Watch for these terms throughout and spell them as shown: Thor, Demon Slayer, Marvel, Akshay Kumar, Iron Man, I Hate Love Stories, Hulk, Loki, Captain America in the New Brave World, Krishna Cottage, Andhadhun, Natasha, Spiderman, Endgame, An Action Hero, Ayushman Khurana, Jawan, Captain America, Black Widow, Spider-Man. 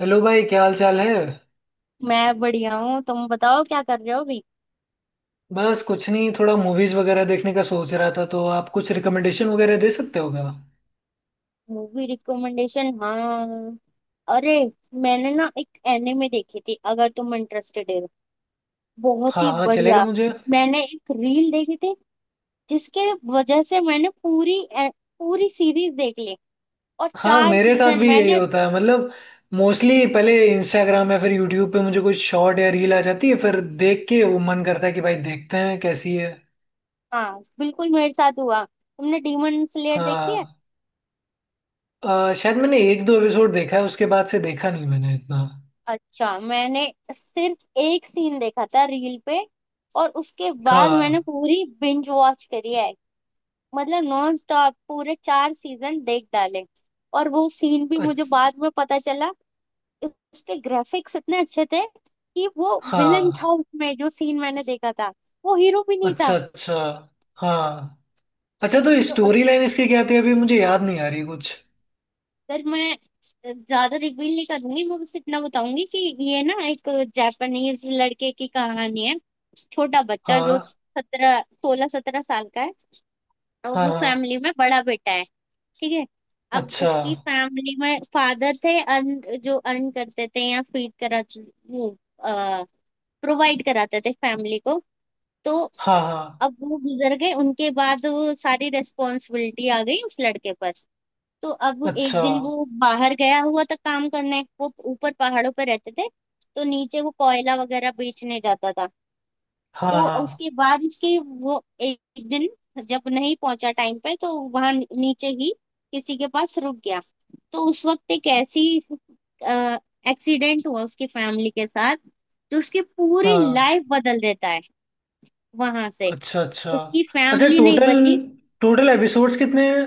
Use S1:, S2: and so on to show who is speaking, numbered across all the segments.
S1: Hello भाई, क्या हाल चाल है।
S2: मैं बढ़िया हूँ। तुम बताओ क्या कर रहे हो अभी?
S1: बस कुछ नहीं, थोड़ा मूवीज वगैरह देखने का सोच रहा था, तो आप कुछ रिकमेंडेशन वगैरह दे सकते हो क्या।
S2: Movie recommendation? हाँ। अरे। मैंने ना एक एनिमे देखी थी अगर तुम इंटरेस्टेड हो। बहुत
S1: हाँ
S2: ही
S1: हाँ, चलेगा
S2: बढ़िया।
S1: मुझे।
S2: मैंने एक रील देखी थी जिसके वजह से मैंने पूरी पूरी सीरीज देख ली। और
S1: हाँ,
S2: चार
S1: मेरे साथ
S2: सीजन
S1: भी यही
S2: मैंने।
S1: होता है। मतलब मोस्टली पहले इंस्टाग्राम या फिर यूट्यूब पे मुझे कोई शॉर्ट या रील आ जाती है, फिर देख के वो मन करता है कि भाई देखते हैं कैसी है।
S2: हाँ बिल्कुल, मेरे साथ हुआ। तुमने डीमन स्लेयर देखी है?
S1: हाँ। शायद मैंने एक दो एपिसोड देखा है, उसके बाद से देखा नहीं मैंने इतना।
S2: अच्छा। मैंने सिर्फ एक सीन देखा था रील पे, और उसके बाद मैंने
S1: हाँ।
S2: पूरी बिंज वॉच करी है। मतलब नॉन स्टॉप पूरे चार सीजन देख डाले। और वो सीन भी मुझे
S1: अच्छा।
S2: बाद में पता चला। उसके ग्राफिक्स इतने अच्छे थे कि वो विलन था
S1: हाँ।
S2: उसमें, जो सीन मैंने देखा था, वो हीरो भी नहीं
S1: अच्छा
S2: था।
S1: अच्छा। हाँ। अच्छा, तो
S2: तो अगर
S1: स्टोरी लाइन इसकी क्या थी, अभी मुझे याद नहीं आ रही कुछ।
S2: मैं ज्यादा रिवील नहीं करूंगी। मैं बस इतना बताऊंगी कि ये ना एक जापानीज लड़के की कहानी है। छोटा बच्चा जो
S1: हाँ
S2: 17 16 17 साल का है, और
S1: हाँ।
S2: वो
S1: हाँ।
S2: फैमिली में बड़ा बेटा है। ठीक है। अब
S1: अच्छा।
S2: उसकी फैमिली में फादर थे, अर्न जो अर्न करते थे या फीड करा, वो प्रोवाइड कराते थे फैमिली को। तो
S1: हाँ हाँ।
S2: अब वो गुजर गए, उनके बाद वो सारी रेस्पॉन्सिबिलिटी आ गई उस लड़के पर। तो अब एक
S1: अच्छा।
S2: दिन वो बाहर गया हुआ था काम करने। वो ऊपर पहाड़ों पर रहते थे, तो नीचे वो कोयला वगैरह बेचने जाता था।
S1: हाँ
S2: तो
S1: हाँ
S2: उसके बाद उसके वो एक दिन जब नहीं पहुंचा टाइम पे, तो वहां नीचे ही किसी के पास रुक गया। तो उस वक्त एक ऐसी एक्सीडेंट हुआ उसकी फैमिली के साथ, जो उसकी पूरी
S1: हाँ।
S2: लाइफ बदल देता है। वहां से
S1: अच्छा अच्छा।
S2: उसकी
S1: अच्छा,
S2: फैमिली नहीं
S1: टोटल
S2: बची।
S1: टोटल एपिसोड्स कितने हैं।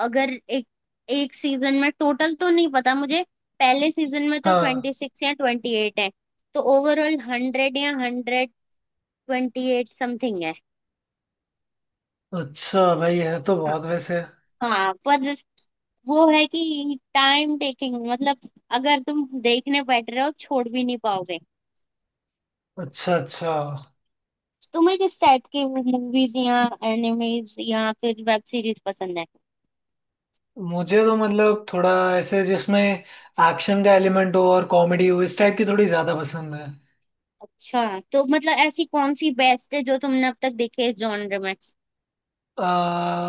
S2: अगर एक एक सीजन में टोटल तो नहीं पता मुझे। पहले सीजन में तो
S1: हाँ।
S2: 26 या 28 है। तो ओवरऑल 100 या 128 समथिंग है।
S1: अच्छा, भाई है तो
S2: हाँ
S1: बहुत वैसे।
S2: हाँ, पर वो है कि टाइम टेकिंग, मतलब अगर तुम देखने बैठ रहे हो छोड़ भी नहीं पाओगे।
S1: अच्छा अच्छा।
S2: तुम्हें किस टाइप की मूवीज या एनिमेज या फिर वेब सीरीज पसंद है?
S1: मुझे तो मतलब थोड़ा ऐसे जिसमें एक्शन का एलिमेंट हो और कॉमेडी हो, इस टाइप की थोड़ी ज्यादा पसंद है।
S2: अच्छा। तो मतलब ऐसी कौन सी बेस्ट है जो तुमने अब तक देखी है जॉनर में?
S1: आ,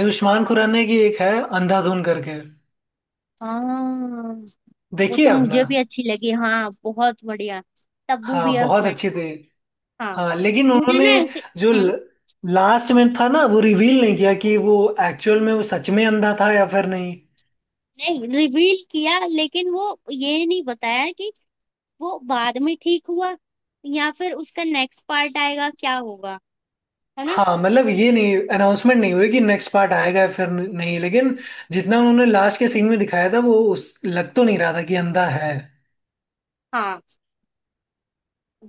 S1: आयुष्मान खुराना की एक है, अंधाधुन करके।
S2: हाँ, वो
S1: देखिए
S2: तो
S1: आपने।
S2: मुझे भी अच्छी लगी, हाँ, बहुत बढ़िया। तब्बू भी
S1: हाँ,
S2: है
S1: बहुत
S2: उसमें।
S1: अच्छी थी।
S2: हाँ।
S1: हाँ, लेकिन
S2: मुझे
S1: उन्होंने
S2: ना ऐसी
S1: जो
S2: हम्म,
S1: लास्ट में था ना, वो रिवील नहीं किया कि वो एक्चुअल में वो सच में अंधा था या फिर नहीं।
S2: नहीं रिवील किया, लेकिन वो ये नहीं बताया कि वो बाद में ठीक हुआ या फिर उसका नेक्स्ट पार्ट आएगा, क्या होगा, है ना।
S1: हाँ मतलब ये नहीं, अनाउंसमेंट नहीं हुई कि नेक्स्ट पार्ट आएगा या फिर नहीं, लेकिन जितना उन्होंने लास्ट के सीन में दिखाया था, वो उस लग तो नहीं रहा था कि अंधा है।
S2: हाँ,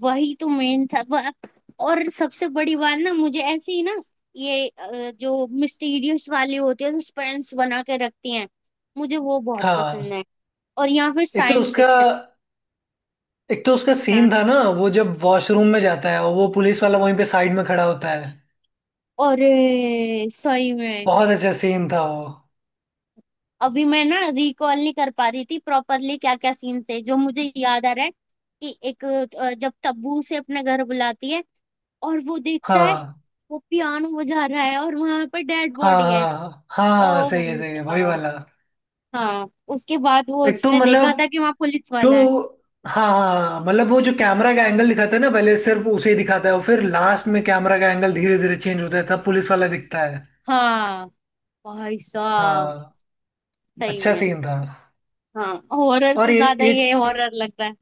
S2: वही तो मेन था और सबसे बड़ी बात ना, मुझे ऐसे ही ना ये जो मिस्टीरियस वाले होते हैं, सस्पेंस बना के रखती हैं, मुझे वो बहुत पसंद
S1: हाँ।
S2: है। और या फिर
S1: एक तो
S2: साइंस
S1: उसका
S2: फिक्शन।
S1: सीन
S2: हाँ
S1: था ना, वो जब वॉशरूम में जाता है और वो पुलिस वाला वहीं पे साइड में खड़ा होता है।
S2: और सही में।
S1: बहुत अच्छा सीन था वो।
S2: अभी मैं ना रिकॉल नहीं कर पा रही थी प्रॉपरली क्या क्या सीन थे। जो मुझे याद आ रहा है कि एक जब तब्बू से अपने घर बुलाती है और वो देखता है,
S1: हाँ
S2: वो पियानो बजा रहा है और वहां पर डेड
S1: हाँ
S2: बॉडी है।
S1: हाँ हाँ हाँ,
S2: ओ
S1: सही है,
S2: भाई
S1: सही है, वही
S2: साहब।
S1: वाला।
S2: हाँ। उसके बाद वो
S1: एक तो
S2: उसने देखा
S1: मतलब
S2: था कि वहां पुलिस
S1: जो
S2: वाला है।
S1: हाँ हाँ, हाँ, मतलब वो जो कैमरा का एंगल दिखाता है ना, पहले सिर्फ उसे ही दिखाता है और फिर लास्ट में कैमरा का एंगल धीरे धीरे चेंज होता है, तब पुलिस वाला दिखता है।
S2: हाँ, भाई साहब,
S1: हाँ।
S2: सही
S1: अच्छा
S2: में।
S1: सीन था।
S2: हाँ, हॉरर
S1: और
S2: से
S1: ये
S2: ज्यादा
S1: एक
S2: ये हॉरर लगता है।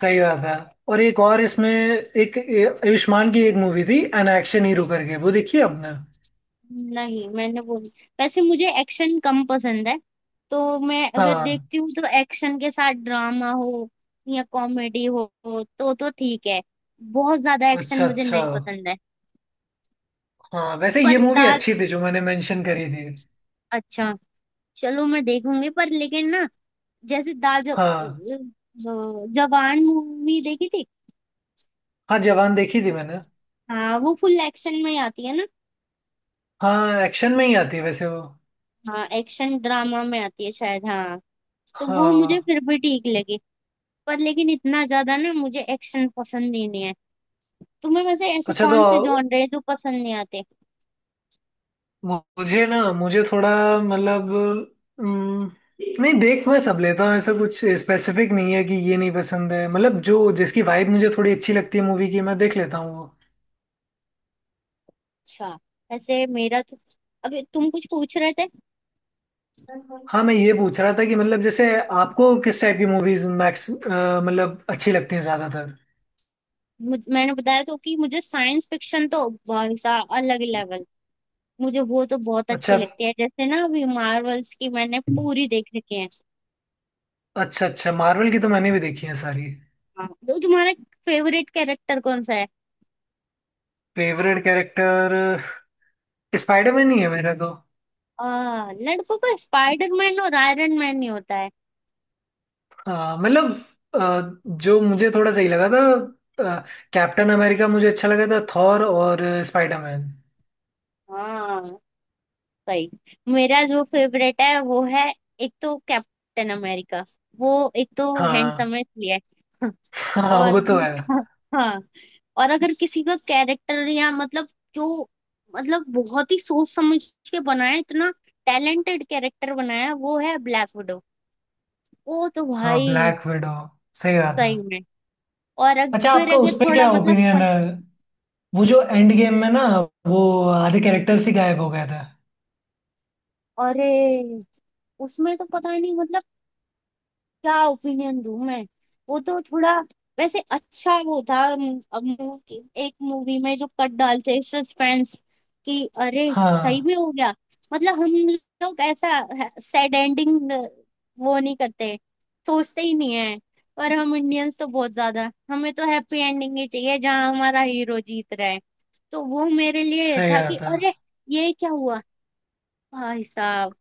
S1: सही बात है। और एक और इसमें, एक आयुष्मान की एक मूवी थी एन एक्शन हीरो करके, वो देखी है आपने।
S2: नहीं, मैंने वो वैसे मुझे एक्शन कम पसंद है। तो मैं अगर
S1: हाँ।
S2: देखती हूँ तो एक्शन के साथ ड्रामा हो या कॉमेडी हो, तो ठीक है। बहुत ज्यादा एक्शन
S1: अच्छा
S2: मुझे
S1: अच्छा।
S2: नहीं पसंद है।
S1: हाँ वैसे ये
S2: पर
S1: मूवी
S2: दांत।
S1: अच्छी थी जो मैंने मेंशन करी थी।
S2: अच्छा, चलो मैं देखूंगी पर। लेकिन ना, जैसे दाज
S1: हाँ।
S2: जवान मूवी देखी थी।
S1: हाँ, जवान देखी थी मैंने।
S2: हाँ, वो फुल एक्शन में ही आती है ना।
S1: हाँ, एक्शन में ही आती है वैसे वो।
S2: हाँ, एक्शन ड्रामा में आती है शायद। हाँ, तो वो मुझे
S1: हाँ।
S2: फिर भी ठीक लगी। पर लेकिन इतना ज्यादा ना, मुझे एक्शन पसंद ही नहीं है। तुम्हें वैसे ऐसे
S1: अच्छा तो
S2: कौन से जॉनर है जो पसंद नहीं आते?
S1: मुझे थोड़ा मतलब अम, नहीं, देख मैं सब लेता हूँ। ऐसा कुछ स्पेसिफिक नहीं है कि ये नहीं पसंद है। मतलब जो जिसकी वाइब मुझे थोड़ी अच्छी लगती है मूवी की, मैं देख लेता हूँ वो।
S2: अच्छा। ऐसे मेरा तो अभी तुम कुछ पूछ रहे थे।
S1: हाँ मैं ये पूछ रहा था कि मतलब जैसे आपको किस टाइप की मूवीज मैक्स, मतलब अच्छी लगती हैं ज्यादातर।
S2: मैंने बताया तो कि मुझे साइंस फिक्शन तो भाई साहब अलग ही लेवल। मुझे वो तो बहुत अच्छे
S1: अच्छा।
S2: लगते हैं, जैसे ना अभी मार्वल्स की मैंने पूरी देख रखी है।
S1: अच्छा अच्छा, मार्वल की तो मैंने भी देखी है सारी।
S2: हाँ, तो तुम्हारा फेवरेट कैरेक्टर कौन सा है?
S1: फेवरेट कैरेक्टर स्पाइडरमैन ही है मेरा तो।
S2: लड़कों का स्पाइडरमैन और आयरन मैन ही होता है।
S1: आ, मतलब आ, जो मुझे थोड़ा सही लगा था, कैप्टन अमेरिका मुझे अच्छा लगा था, थॉर और स्पाइडरमैन।
S2: हाँ, सही। मेरा जो फेवरेट है वो है एक तो कैप्टन अमेरिका। वो एक तो
S1: हाँ।
S2: हैंडसम है इसलिए
S1: हाँ
S2: और
S1: वो तो है।
S2: हाँ, और अगर किसी का कैरेक्टर या मतलब, जो मतलब बहुत ही सोच समझ के बनाया, इतना टैलेंटेड कैरेक्टर बनाया, वो है ब्लैक। ओ तो
S1: हाँ,
S2: भाई,
S1: ब्लैक विडो, सही बात है।
S2: सही में। और
S1: अच्छा
S2: फिर
S1: आपका उस
S2: अगर
S1: पे
S2: थोड़ा
S1: क्या
S2: मतलब
S1: ओपिनियन
S2: फन,
S1: है, वो जो एंड गेम में ना, वो आधे कैरेक्टर्स ही गायब हो गया था।
S2: अरे उसमें तो पता ही नहीं मतलब क्या ओपिनियन दूं मैं। वो तो थोड़ा, वैसे अच्छा वो था मूवी, एक मूवी में जो कट डालते सस्पेंस कि अरे सही
S1: हाँ।
S2: भी हो गया। मतलब हम लोग ऐसा सैड एंडिंग वो नहीं करते, सोचते ही नहीं है। पर हम इंडियंस तो बहुत ज्यादा, हमें तो हैप्पी एंडिंग ही चाहिए जहाँ हमारा हीरो जीत रहा है। तो वो मेरे लिए
S1: सही
S2: था कि
S1: बात है।
S2: अरे ये क्या हुआ, भाई साहब।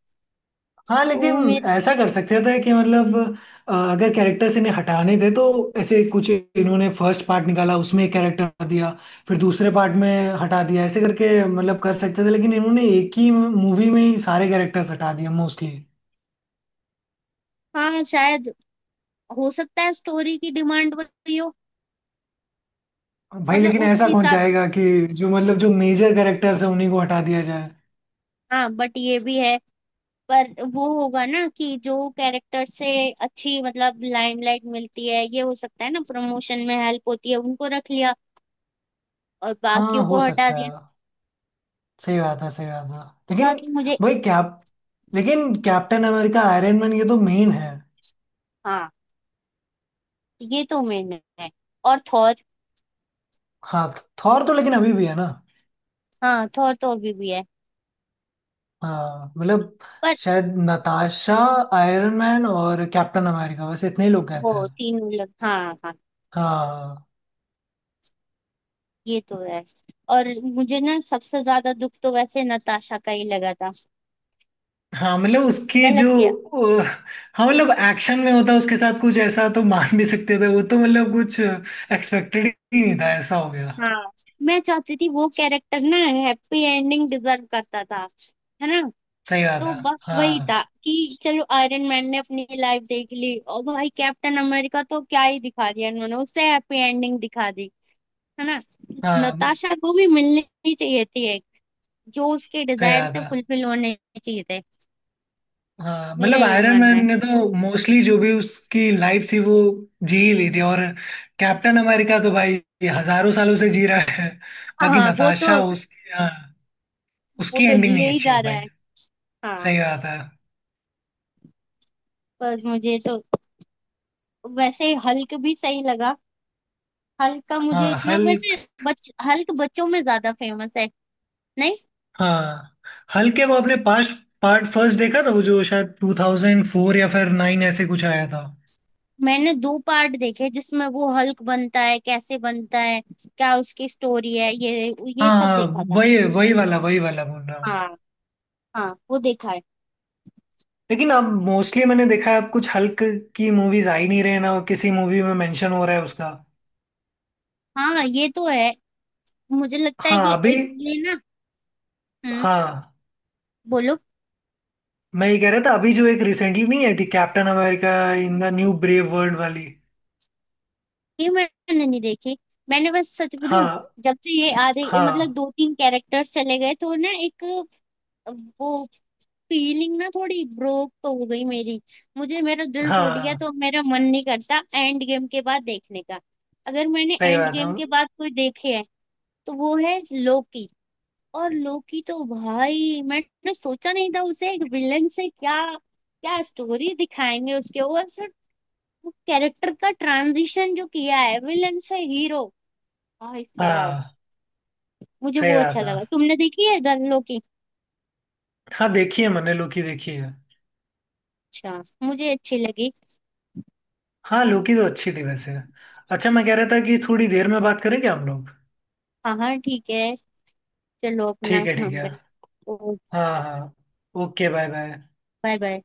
S1: हाँ,
S2: तो वो
S1: लेकिन
S2: मेरे
S1: ऐसा कर सकते थे कि मतलब अगर कैरेक्टर्स इन्हें हटाने थे, तो ऐसे कुछ इन्होंने फर्स्ट पार्ट निकाला उसमें एक कैरेक्टर दिया, फिर दूसरे पार्ट में हटा दिया, ऐसे करके मतलब कर सकते थे। लेकिन इन्होंने एक ही मूवी में ही सारे कैरेक्टर्स हटा दिए मोस्टली।
S2: हाँ शायद, हो सकता है स्टोरी की डिमांड वही हो।
S1: भाई
S2: मतलब
S1: लेकिन
S2: उस
S1: ऐसा कौन
S2: हिसाब से
S1: चाहेगा कि जो मतलब जो मेजर कैरेक्टर्स हैं उन्हीं को हटा दिया जाए।
S2: हाँ, बट ये भी है। पर वो होगा ना कि जो कैरेक्टर से अच्छी मतलब लाइमलाइट मिलती है, ये हो सकता है ना, प्रमोशन में हेल्प होती है, उनको रख लिया और बाकियों
S1: हाँ हो
S2: को हटा
S1: सकता है।
S2: दिया।
S1: सही बात है, सही बात है, लेकिन
S2: बाकी मुझे
S1: भाई कैप लेकिन कैप्टन अमेरिका, आयरन मैन, ये तो मेन है।
S2: हाँ, ये तो मेन है। और थॉर।
S1: हाँ, थॉर तो लेकिन अभी भी है ना।
S2: हाँ, थॉर तो अभी भी है।
S1: हाँ मतलब
S2: पर
S1: शायद नताशा, आयरन मैन और कैप्टन अमेरिका, बस इतने ही लोग गए
S2: वो
S1: थे।
S2: तीनों लग, हाँ हाँ,
S1: हाँ।
S2: ये तो है। और मुझे ना सबसे ज्यादा दुख तो वैसे नताशा का ही लगा था।
S1: हाँ मतलब उसकी
S2: गलत
S1: जो
S2: किया।
S1: अ, हाँ मतलब एक्शन में होता उसके साथ कुछ ऐसा तो मान भी सकते थे, वो तो मतलब कुछ एक्सपेक्टेड ही नहीं था ऐसा हो गया।
S2: हाँ, मैं चाहती थी वो कैरेक्टर ना, हैप्पी एंडिंग डिजर्व करता था, है ना।
S1: सही बात
S2: तो
S1: है।
S2: बस वही
S1: हाँ।
S2: था कि चलो आयरन मैन ने अपनी लाइफ देख ली, और भाई कैप्टन अमेरिका तो क्या ही दिखा दिया इन्होंने, उससे हैप्पी एंडिंग दिखा दी, है ना।
S1: हाँ,
S2: नताशा को भी मिलनी ही चाहिए थी एक, जो उसके
S1: सही
S2: डिजायर
S1: बात
S2: से
S1: है।
S2: फुलफिल होने चाहिए थे।
S1: हाँ
S2: मेरा
S1: मतलब
S2: यही
S1: आयरन
S2: मानना है।
S1: मैन ने तो मोस्टली जो भी उसकी लाइफ थी वो जी ही ली थी, और कैप्टन अमेरिका तो भाई ये हजारों सालों से जी रहा है। बाकी
S2: हाँ, वो
S1: नताशा,
S2: तो
S1: उसकी, हाँ
S2: वो
S1: उसकी
S2: तो
S1: एंडिंग
S2: जिए
S1: नहीं
S2: ही
S1: अच्छी
S2: जा
S1: हो
S2: रहा
S1: पाई।
S2: है। हाँ,
S1: सही बात है।
S2: बस मुझे तो वैसे हल्क भी सही लगा। हल्क का
S1: हाँ।
S2: मुझे इतना वैसे
S1: हल्क।
S2: बच हल्क बच्चों में ज्यादा फेमस है, नहीं।
S1: हाँ हल्क के वो अपने पास पार्ट फर्स्ट देखा था, वो जो शायद 2004 या फिर 9, ऐसे कुछ आया था।
S2: मैंने दो पार्ट देखे जिसमें वो हल्क बनता है, कैसे बनता है, क्या उसकी स्टोरी है ये सब
S1: हाँ,
S2: देखा था।
S1: वही वही वाला बोल रहा हूँ।
S2: हाँ हाँ, वो देखा है।
S1: लेकिन अब मोस्टली मैंने देखा है, अब कुछ हल्क की मूवीज आ ही नहीं रहे ना किसी मूवी में मेंशन हो रहा है उसका।
S2: हाँ ये तो है। मुझे लगता है
S1: हाँ
S2: कि
S1: अभी।
S2: एक ये ना, हम्म
S1: हाँ
S2: बोलो।
S1: मैं ये कह रहा था अभी जो एक रिसेंटली नहीं आई थी, Captain America in the New Brave World वाली।
S2: ये मैंने नहीं देखी। मैंने बस सच बोलूं,
S1: हाँ
S2: जब से ये आधे मतलब
S1: हाँ।
S2: दो तीन कैरेक्टर्स चले गए तो ना एक वो फीलिंग ना थोड़ी ब्रोक तो हो गई मेरी, मुझे मेरा दिल टूट गया,
S1: हाँ
S2: तो मेरा मन नहीं करता एंड गेम के बाद देखने का। अगर मैंने
S1: सही
S2: एंड
S1: बात है।
S2: गेम के बाद कोई देखे है तो वो है लोकी। और लोकी तो भाई मैंने सोचा नहीं था उसे एक विलन से क्या क्या स्टोरी दिखाएंगे उसके ऊपर, सर, वो कैरेक्टर का ट्रांजिशन जो किया है विलन से हीरो, भाई साहब,
S1: हाँ।
S2: मुझे
S1: सही
S2: वो अच्छा
S1: बात है।
S2: लगा। तुमने देखी है द लोकी?
S1: हाँ, देखी है मैंने, लोकी देखी है।
S2: अच्छा, मुझे अच्छी लगी।
S1: हाँ लोकी तो अच्छी थी वैसे। अच्छा मैं कह रहा था कि थोड़ी देर में बात करें क्या हम लोग।
S2: हाँ हाँ ठीक है। चलो अपना
S1: ठीक है ठीक
S2: काम
S1: है।
S2: करो।
S1: हाँ हाँ। Okay, bye bye.
S2: Bye bye.